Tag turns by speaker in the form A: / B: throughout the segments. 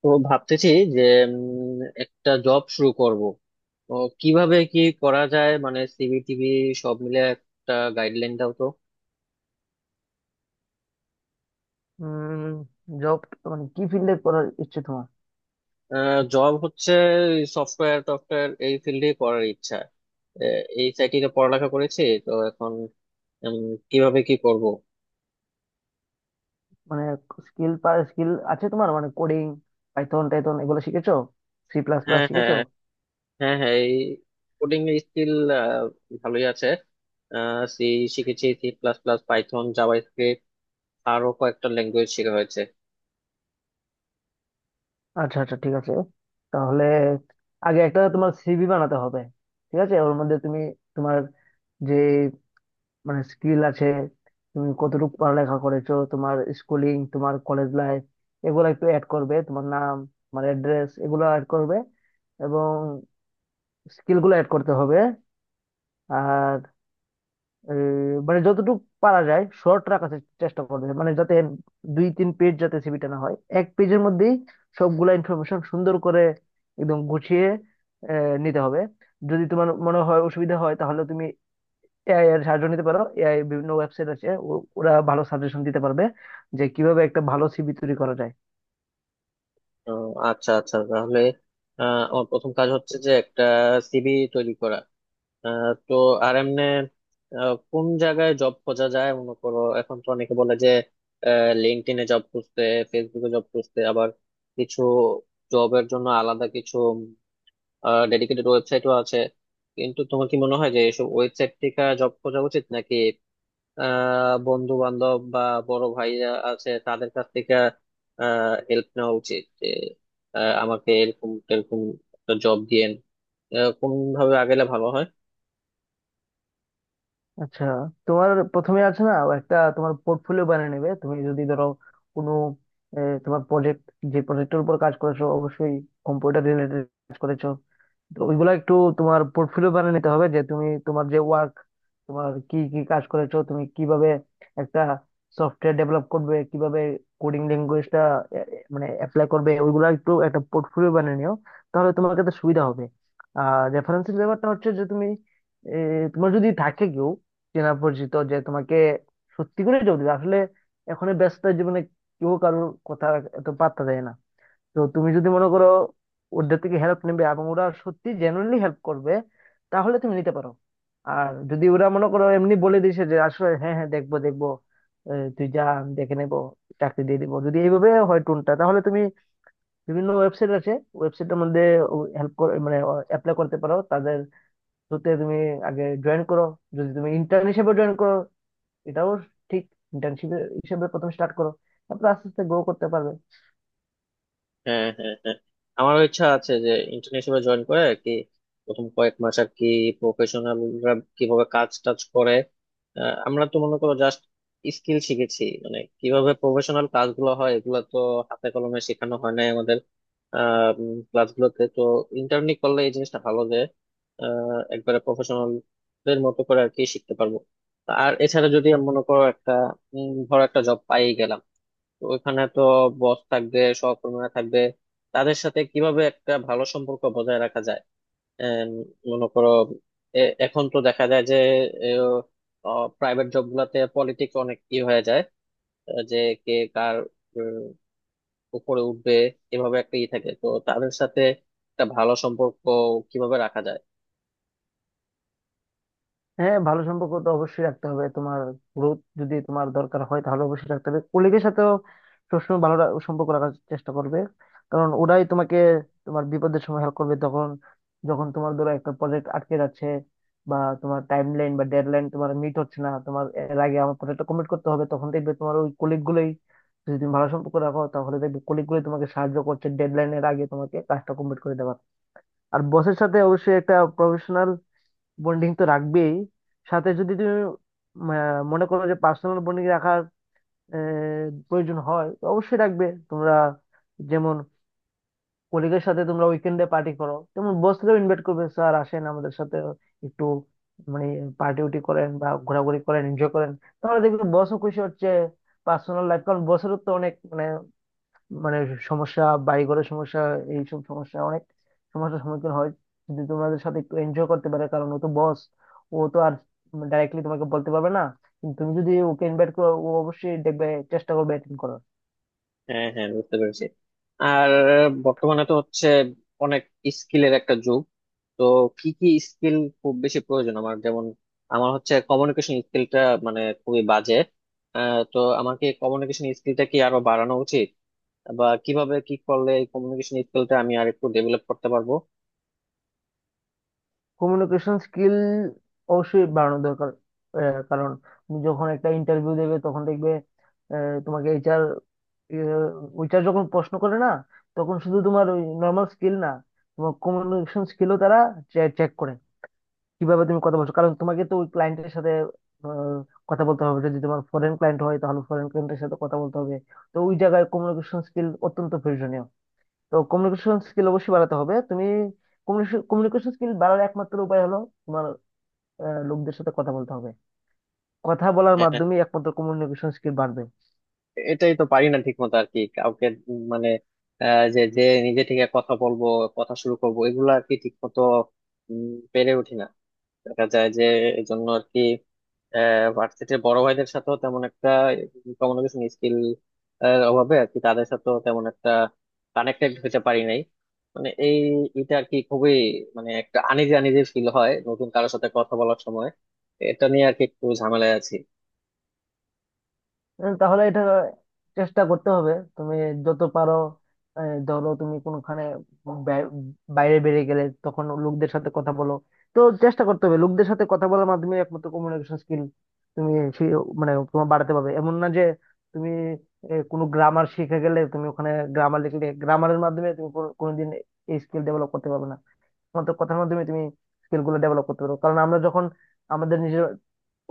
A: তো ভাবতেছি যে উম, একটা জব শুরু করব। তো কিভাবে কি করা যায়, মানে সিভি টিভি সব মিলে একটা গাইডলাইন দাও তো।
B: উম জব, মানে কি ফিল্ডে করার ইচ্ছে তোমার?
A: জব হচ্ছে সফটওয়্যার টফটওয়্যার এই ফিল্ডে করার ইচ্ছা। এই সাইটে পড়ালেখা করেছি তো এখন উম, কিভাবে কি করব।
B: মানে স্কিল স্কিল আছে তোমার, মানে কোডিং, পাইথন টাইথন এগুলো শিখেছো? সি প্লাস প্লাস
A: হ্যাঁ
B: শিখেছো?
A: হ্যাঁ, হ্যাঁ হ্যাঁ এই কোডিং এর স্কিল ভালোই আছে। সি শিখেছি, C plus plus, Python, JavaScript, আরো কয়েকটা ল্যাঙ্গুয়েজ শেখা হয়েছে।
B: আচ্ছা, আচ্ছা, ঠিক আছে। তাহলে আগে একটা তোমার সিভি বানাতে হবে। ঠিক আছে, ওর মধ্যে তুমি তোমার যে মানে স্কিল আছে, তুমি কতটুকু পড়ালেখা করেছো, তোমার স্কুলিং, তোমার কলেজ লাইফ, এগুলো একটু অ্যাড করবে। তোমার নাম, তোমার অ্যাড্রেস এগুলো অ্যাড করবে, এবং স্কিলগুলো অ্যাড করতে হবে। আর মানে যতটুকু পারা যায় শর্ট রাখার চেষ্টা করবে, মানে যাতে 2-3 পেজ যাতে সিভিটা না হয়, এক পেজের মধ্যেই সবগুলা ইনফরমেশন সুন্দর করে একদম গুছিয়ে নিতে হবে। যদি তোমার মনে হয় অসুবিধা হয় তাহলে তুমি এআই এর সাহায্য নিতে পারো। এআই বিভিন্ন ওয়েবসাইট আছে, ওরা ভালো সাজেশন দিতে পারবে যে কিভাবে একটা ভালো সিভি তৈরি করা যায়।
A: ও, আচ্ছা আচ্ছা। তাহলে আমার প্রথম কাজ হচ্ছে যে একটা সিভি তৈরি করা। তো আর এমনি কোন জায়গায় জব খোঁজা যায় মনে করো? এখন তো অনেকে বলে যে লিঙ্কডইনে জব খুঁজতে, ফেসবুকে জব খুঁজতে, আবার কিছু জবের জন্য আলাদা কিছু ডেডিকেটেড ওয়েবসাইটও আছে। কিন্তু তোমার কি মনে হয় যে এসব ওয়েবসাইট থেকে জব খোঁজা উচিত, নাকি বন্ধু বান্ধব বা বড় ভাইরা আছে তাদের কাছ থেকে হেল্প নেওয়া উচিত যে আমাকে এরকম এরকম একটা জব দিয়েন, কোন ভাবে আগেলে ভালো হয়?
B: আচ্ছা, তোমার প্রথমে আছে না, একটা তোমার পোর্টফোলিও বানিয়ে নেবে তুমি যদি ধরো কোনো তোমার প্রজেক্ট, যে প্রজেক্টের উপর কাজ করেছো, অবশ্যই কম্পিউটার রিলেটেড কাজ করেছো, তো ওইগুলা একটু তোমার পোর্টফোলিও বানিয়ে নিতে হবে। যে তুমি তোমার যে ওয়ার্ক, তোমার কি কি কাজ করেছো, তুমি কিভাবে একটা সফটওয়্যার ডেভেলপ করবে, কিভাবে কোডিং ল্যাঙ্গুয়েজটা মানে অ্যাপ্লাই করবে, ওইগুলা একটু একটা পোর্টফোলিও বানিয়ে নিও, তাহলে তোমার কাছে সুবিধা হবে। আর রেফারেন্সের ব্যাপারটা হচ্ছে যে তুমি, এ, তোমার যদি থাকে কেউ চেনা পরিচিত যে তোমাকে সত্যি করে জব দিবে। আসলে এখন ব্যস্ত জীবনে কেউ কারোর কথা এত পাত্তা দেয় না। তো তুমি যদি মনে করো ওদের থেকে হেল্প নেবে এবং ওরা সত্যি জেনুইনলি হেল্প করবে, তাহলে তুমি নিতে পারো। আর যদি ওরা, মনে করো, এমনি বলে দিছে যে আসলে হ্যাঁ, হ্যাঁ দেখবো দেখবো, তুই যা, আমি দেখে নেবো, চাকরি দিয়ে দিবো, যদি এইভাবে হয় টোনটা, তাহলে তুমি বিভিন্ন ওয়েবসাইট আছে, ওয়েবসাইটের মধ্যে হেল্প মানে অ্যাপ্লাই করতে পারো তাদের থ্রুতে। তুমি আগে জয়েন করো, যদি তুমি ইন্টার্ন হিসেবে জয়েন করো এটাও ঠিক। ইন্টার্নশিপ হিসেবে প্রথম স্টার্ট করো, তারপর আস্তে আস্তে গ্রো করতে পারবে।
A: হ্যাঁ হ্যাঁ হ্যাঁ, আমারও ইচ্ছা আছে যে ইন্টার্নশিপে জয়েন করে আর কি প্রথম কয়েক মাস আর কি প্রফেশনালরা কিভাবে কাজ টাজ করে। আমরা তো মনে করো জাস্ট স্কিল শিখেছি, মানে কিভাবে প্রফেশনাল কাজগুলো হয় এগুলো তো হাতে কলমে শেখানো হয় নাই আমাদের আহ ক্লাসগুলোতে তো। ইন্টার্নি করলে এই জিনিসটা ভালো যে একবারে প্রফেশনালদের মতো করে আর কি শিখতে পারবো। আর এছাড়া যদি আমি মনে করো একটা ধরো একটা জব পাই গেলাম, তো ওইখানে তো বস থাকবে, সহকর্মীরা থাকবে, তাদের সাথে কিভাবে একটা ভালো সম্পর্ক বজায় রাখা যায়? এম, মনে করো এখন তো দেখা যায় যে প্রাইভেট জব গুলাতে পলিটিক্স অনেক ই হয়ে যায়, যে কে কার উম, উপরে উঠবে, এভাবে একটা ই থাকে। তো তাদের সাথে একটা ভালো সম্পর্ক কিভাবে রাখা যায়?
B: হ্যাঁ, ভালো সম্পর্ক তো অবশ্যই রাখতে হবে। তোমার গ্রোথ যদি তোমার দরকার হয় তাহলে অবশ্যই রাখতে হবে কলিগের সাথেও, সবসময় ভালো সম্পর্ক রাখার চেষ্টা করবে। কারণ ওরাই তোমাকে তোমার বিপদের সময় হেল্প করবে, তখন যখন তোমার ধরো একটা প্রজেক্ট আটকে যাচ্ছে, বা তোমার টাইম লাইন বা ডেডলাইন তোমার মিট হচ্ছে না, তোমার এর আগে আমার প্রজেক্টটা কমপ্লিট করতে হবে, তখন দেখবে তোমার ওই কলিগ গুলোই, যদি তুমি ভালো সম্পর্ক রাখো তাহলে দেখবে কলিগ গুলোই তোমাকে সাহায্য করছে ডেডলাইনের আগে তোমাকে কাজটা কমপ্লিট করে দেওয়ার। আর বসের সাথে অবশ্যই একটা প্রফেশনাল বন্ডিং তো রাখবেই। সাথে যদি তুমি মনে করো যে পার্সোনাল বন্ডিং রাখার প্রয়োজন হয়, তো অবশ্যই রাখবে তোমরা। যেমন কলিগের সাথে তোমরা উইকেন্ডে পার্টি করো, তেমন বসকেও ইনভাইট করবে, স্যার আসেন আমাদের সাথে একটু মানে পার্টি উটি করেন বা ঘোরাঘুরি করেন, এনজয় করেন। তাহলে দেখবে বসও খুশি হচ্ছে। পার্সোনাল লাইফ, কারণ বসেরও তো অনেক মানে সমস্যা, বাড়িঘরের সমস্যা, এইসব সমস্যা, অনেক সমস্যার সম্মুখীন হয়। যদি তোমাদের সাথে একটু এনজয় করতে পারে, কারণ ও তো বস, ও তো আর ডাইরেক্টলি তোমাকে বলতে পারবে না, কিন্তু তুমি যদি ওকে ইনভাইট করো ও অবশ্যই দেখবে, চেষ্টা করবে অ্যাটেন্ড করার।
A: হ্যাঁ হ্যাঁ, বুঝতে পেরেছি। আর বর্তমানে তো হচ্ছে অনেক স্কিলের একটা যুগ, তো কি কি স্কিল খুব বেশি প্রয়োজন আমার? যেমন আমার হচ্ছে কমিউনিকেশন স্কিলটা মানে খুবই বাজে। তো আমার কি কমিউনিকেশন স্কিলটা কি আরো বাড়ানো উচিত? বা কিভাবে কি করলে এই কমিউনিকেশন স্কিলটা আমি আর একটু ডেভেলপ করতে পারবো?
B: কমিউনিকেশন স্কিল অবশ্যই বাড়ানো দরকার। কারণ তুমি যখন একটা ইন্টারভিউ দেবে তখন দেখবে তোমাকে এইচআর, ওইচআর যখন প্রশ্ন করে না, তখন শুধু তোমার ওই নর্মাল স্কিল না, তোমার কমিউনিকেশন স্কিলও তারা চেক করে, কিভাবে তুমি কথা বলছো, কারণ তোমাকে তো ওই ক্লায়েন্টের সাথে আহ, কথা বলতে হবে। যদি তোমার ফরেন ক্লায়েন্ট হয় তাহলে ফরেন ক্লায়েন্টের সাথে কথা বলতে হবে। তো ওই জায়গায় কমিউনিকেশন স্কিল অত্যন্ত প্রয়োজনীয়। তো কমিউনিকেশন স্কিল অবশ্যই বাড়াতে হবে। তুমি কমিউনিকেশন স্কিল বাড়ার একমাত্র উপায় হলো তোমার লোকদের সাথে কথা বলতে হবে। কথা বলার
A: এ- এ-
B: মাধ্যমে একমাত্র কমিউনিকেশন স্কিল বাড়বে।
A: এটাই তো পারি না ঠিক মতো আর কি কাউকে। মানে যে যে নিজে থেকে কথা বলবো, কথা শুরু করবো, এগুলা আর কি ঠিক মতো উম, পেরে উঠি না। দেখা যায় যে এই জন্য আর কি ভার্সিটির বড় ভাইদের সাথেও তেমন একটা কমিউনিকেশন স্কিল অভাবে আর কি তাদের সাথেও তেমন একটা কানেক্টেড হতে পারি নাই। মানে এই এটা আর কি খুবই মানে একটা আনিজি আনিজি ফিল হয় নতুন কারোর সাথে কথা বলার সময়। এটা নিয়ে আর কি একটু ঝামেলায় আছি।
B: তাহলে এটা চেষ্টা করতে হবে তুমি যত পারো। ধরো তুমি কোনখানে বাই- বাইরে বেরিয়ে গেলে তখন লোকদের সাথে কথা বলো। তো চেষ্টা করতে হবে, লোকদের সাথে কথা বলার মাধ্যমে একমাত্র কমিউনিকেশন স্কিল তুমি সেই মানে তোমার বাড়াতে পারবে, এমন না যে তুমি কোনো গ্রামার শিখে গেলে, তুমি ওখানে গ্রামার লিখলে গ্রামারের মাধ্যমে তুমি কোনোদিন এই স্কিল ডেভেলপ করতে পারবে না। মাত্র কথার মাধ্যমে তুমি স্কিল গুলো ডেভেলপ করতে পারো। কারণ আমরা যখন আমাদের নিজের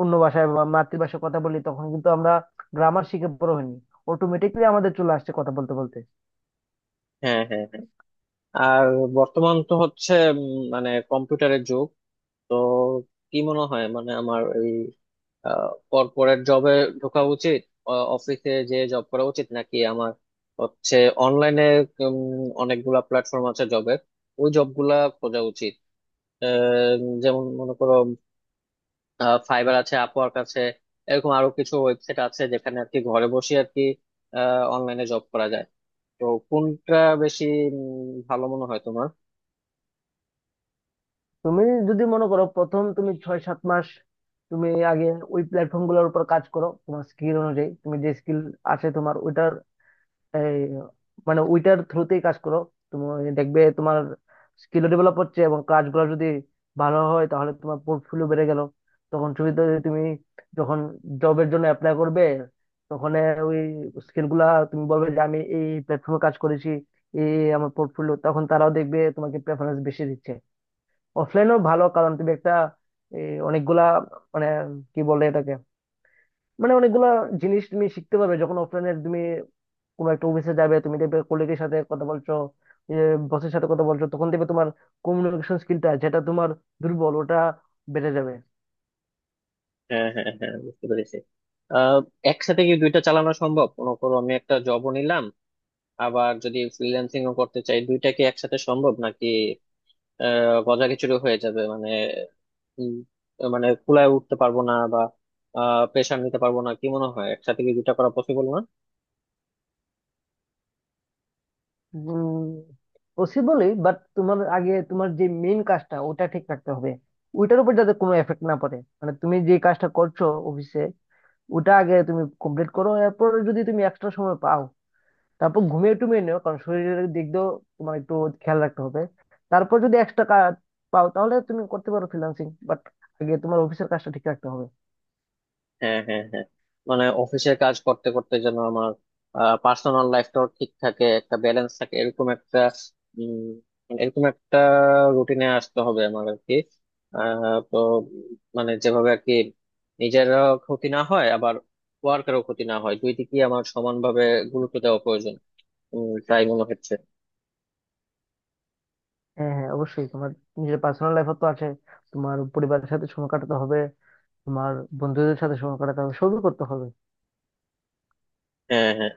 B: অন্য ভাষায় বা মাতৃভাষায় কথা বলি তখন কিন্তু আমরা গ্রামার শিখে বড় হইনি, অটোমেটিকলি আমাদের চলে আসছে কথা বলতে বলতে।
A: হ্যাঁ হ্যাঁ হ্যাঁ। আর বর্তমান তো হচ্ছে মানে কম্পিউটারের যুগ। তো কি মনে হয়, মানে আমার এই কর্পোরেট জবে ঢোকা উচিত, অফিসে যে জব করা উচিত, নাকি আমার হচ্ছে অনলাইনে অনেকগুলা প্ল্যাটফর্ম আছে জবের, ওই জবগুলা খোঁজা উচিত? আহ, যেমন মনে করো ফাইবার আছে, আপওয়ার্ক আছে, এরকম আরো কিছু ওয়েবসাইট আছে যেখানে আর কি ঘরে বসে আর কি অনলাইনে জব করা যায়। তো কোনটা বেশি ভালো মনে হয় তোমার?
B: তুমি যদি মনে করো প্রথম তুমি 6-7 মাস তুমি আগে ওই প্ল্যাটফর্ম গুলোর উপর কাজ করো তোমার স্কিল অনুযায়ী, তুমি যে স্কিল আছে তোমার ওইটার, এই মানে ওইটার থ্রুতেই কাজ করো। তুমি দেখবে তোমার স্কিল ডেভেলপ হচ্ছে, এবং কাজগুলো যদি ভালো হয় তাহলে তোমার পোর্টফোলিও বেড়ে গেল। তখন সুবিধা হয়ে তুমি যখন জবের জন্য অ্যাপ্লাই করবে, তখন ওই স্কিল গুলা তুমি বলবে যে আমি এই প্ল্যাটফর্মে কাজ করেছি, এই এই আমার পোর্টফোলিও, তখন তারাও দেখবে তোমাকে প্রেফারেন্স বেশি দিচ্ছে। অফলাইনও ভালো, কারণ তুমি একটা অনেকগুলা, মানে কি বলে এটাকে, মানে অনেকগুলা জিনিস তুমি শিখতে পারবে যখন অফলাইনে তুমি কোনো একটা অফিসে যাবে, তুমি দেখবে কলিগের সাথে কথা বলছো, বসের সাথে কথা বলছো, তখন দেখবে তোমার কমিউনিকেশন স্কিলটা যেটা তোমার দুর্বল, ওটা বেড়ে যাবে।
A: হ্যাঁ হ্যাঁ হ্যাঁ, বুঝতে পেরেছি। আহ, একসাথে কি দুইটা চালানো সম্ভব? মনে করো আমি একটা জবও নিলাম, আবার যদি ফ্রিল্যান্সিং ও করতে চাই, দুইটা কি একসাথে সম্ভব? নাকি গজাখিচুড়ি হয়ে যাবে, মানে উম, মানে কুলায় উঠতে পারবো না, বা প্রেশার নিতে পারবো না? কি মনে হয়, একসাথে কি দুইটা করা পসিবল না?
B: পসিবলই, বাট তোমার আগে তোমার যে মেইন কাজটা ওটা ঠিক রাখতে হবে, ওইটার উপর যাতে কোনো এফেক্ট না পড়ে, মানে তুমি যে কাজটা করছো অফিসে, ওটা আগে তুমি কমপ্লিট করো, এরপর যদি তুমি এক্সট্রা সময় পাও, তারপর ঘুমিয়ে টুমিয়ে নিও, কারণ শরীরের দিক দিয়েও তোমার একটু খেয়াল রাখতে হবে। তারপর যদি এক্সট্রা কাজ পাও তাহলে তুমি করতে পারো ফ্রিল্যান্সিং, বাট আগে তোমার অফিসের কাজটা ঠিক রাখতে হবে।
A: হ্যাঁ হ্যাঁ হ্যাঁ, মানে অফিসের কাজ করতে করতে যেন আমার পার্সোনাল লাইফটাও ঠিক থাকে, একটা ব্যালেন্স থাকে, এরকম একটা উম, এরকম একটা রুটিনে আসতে হবে আমার আর কি। আহ, তো মানে যেভাবে আর কি নিজেরও ক্ষতি না হয়, আবার ওয়ার্কেরও ক্ষতি না হয়, দুই দিকেই আমার সমানভাবে গুরুত্ব দেওয়া প্রয়োজন তাই মনে হচ্ছে।
B: হ্যাঁ, হ্যাঁ, অবশ্যই তোমার নিজের পার্সোনাল লাইফও তো আছে, তোমার পরিবারের সাথে সময় কাটাতে হবে, তোমার বন্ধুদের সাথে সময় কাটাতে হবে, সবই করতে হবে।
A: হ্যাঁ হ্যাঁ,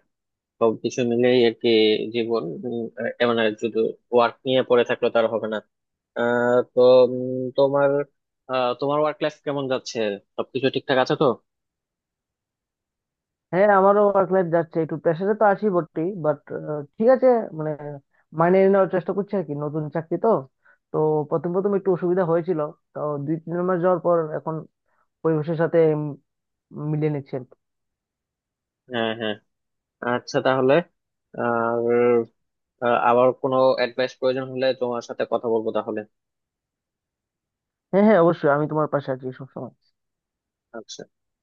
A: সবকিছু মিলেই আর কি জীবন। মানে শুধু ওয়ার্ক নিয়ে পড়ে থাকলে তার হবে না। তো উম, তোমার তোমার ওয়ার্ক লাইফ কেমন যাচ্ছে? সবকিছু ঠিকঠাক আছে তো?
B: হ্যাঁ, আমারও ওয়ার্ক লাইফ যাচ্ছে, একটু প্রেশারে তো আছি বটে, বাট ঠিক আছে। মানে মানিয়ে নেওয়ার চেষ্টা করছি আর কি, নতুন চাকরি তো তো প্রথম প্রথম একটু অসুবিধা হয়েছিল। তো 2-3 মাস যাওয়ার পর এখন পরিবেশের সাথে মিলিয়ে নিচ্ছি আর কি।
A: হ্যাঁ হ্যাঁ, আচ্ছা। তাহলে আর আবার কোনো অ্যাডভাইস প্রয়োজন হলে তোমার সাথে কথা বলবো তাহলে।
B: হ্যাঁ, হ্যাঁ, অবশ্যই আমি তোমার পাশে আছি সবসময়।
A: আচ্ছা।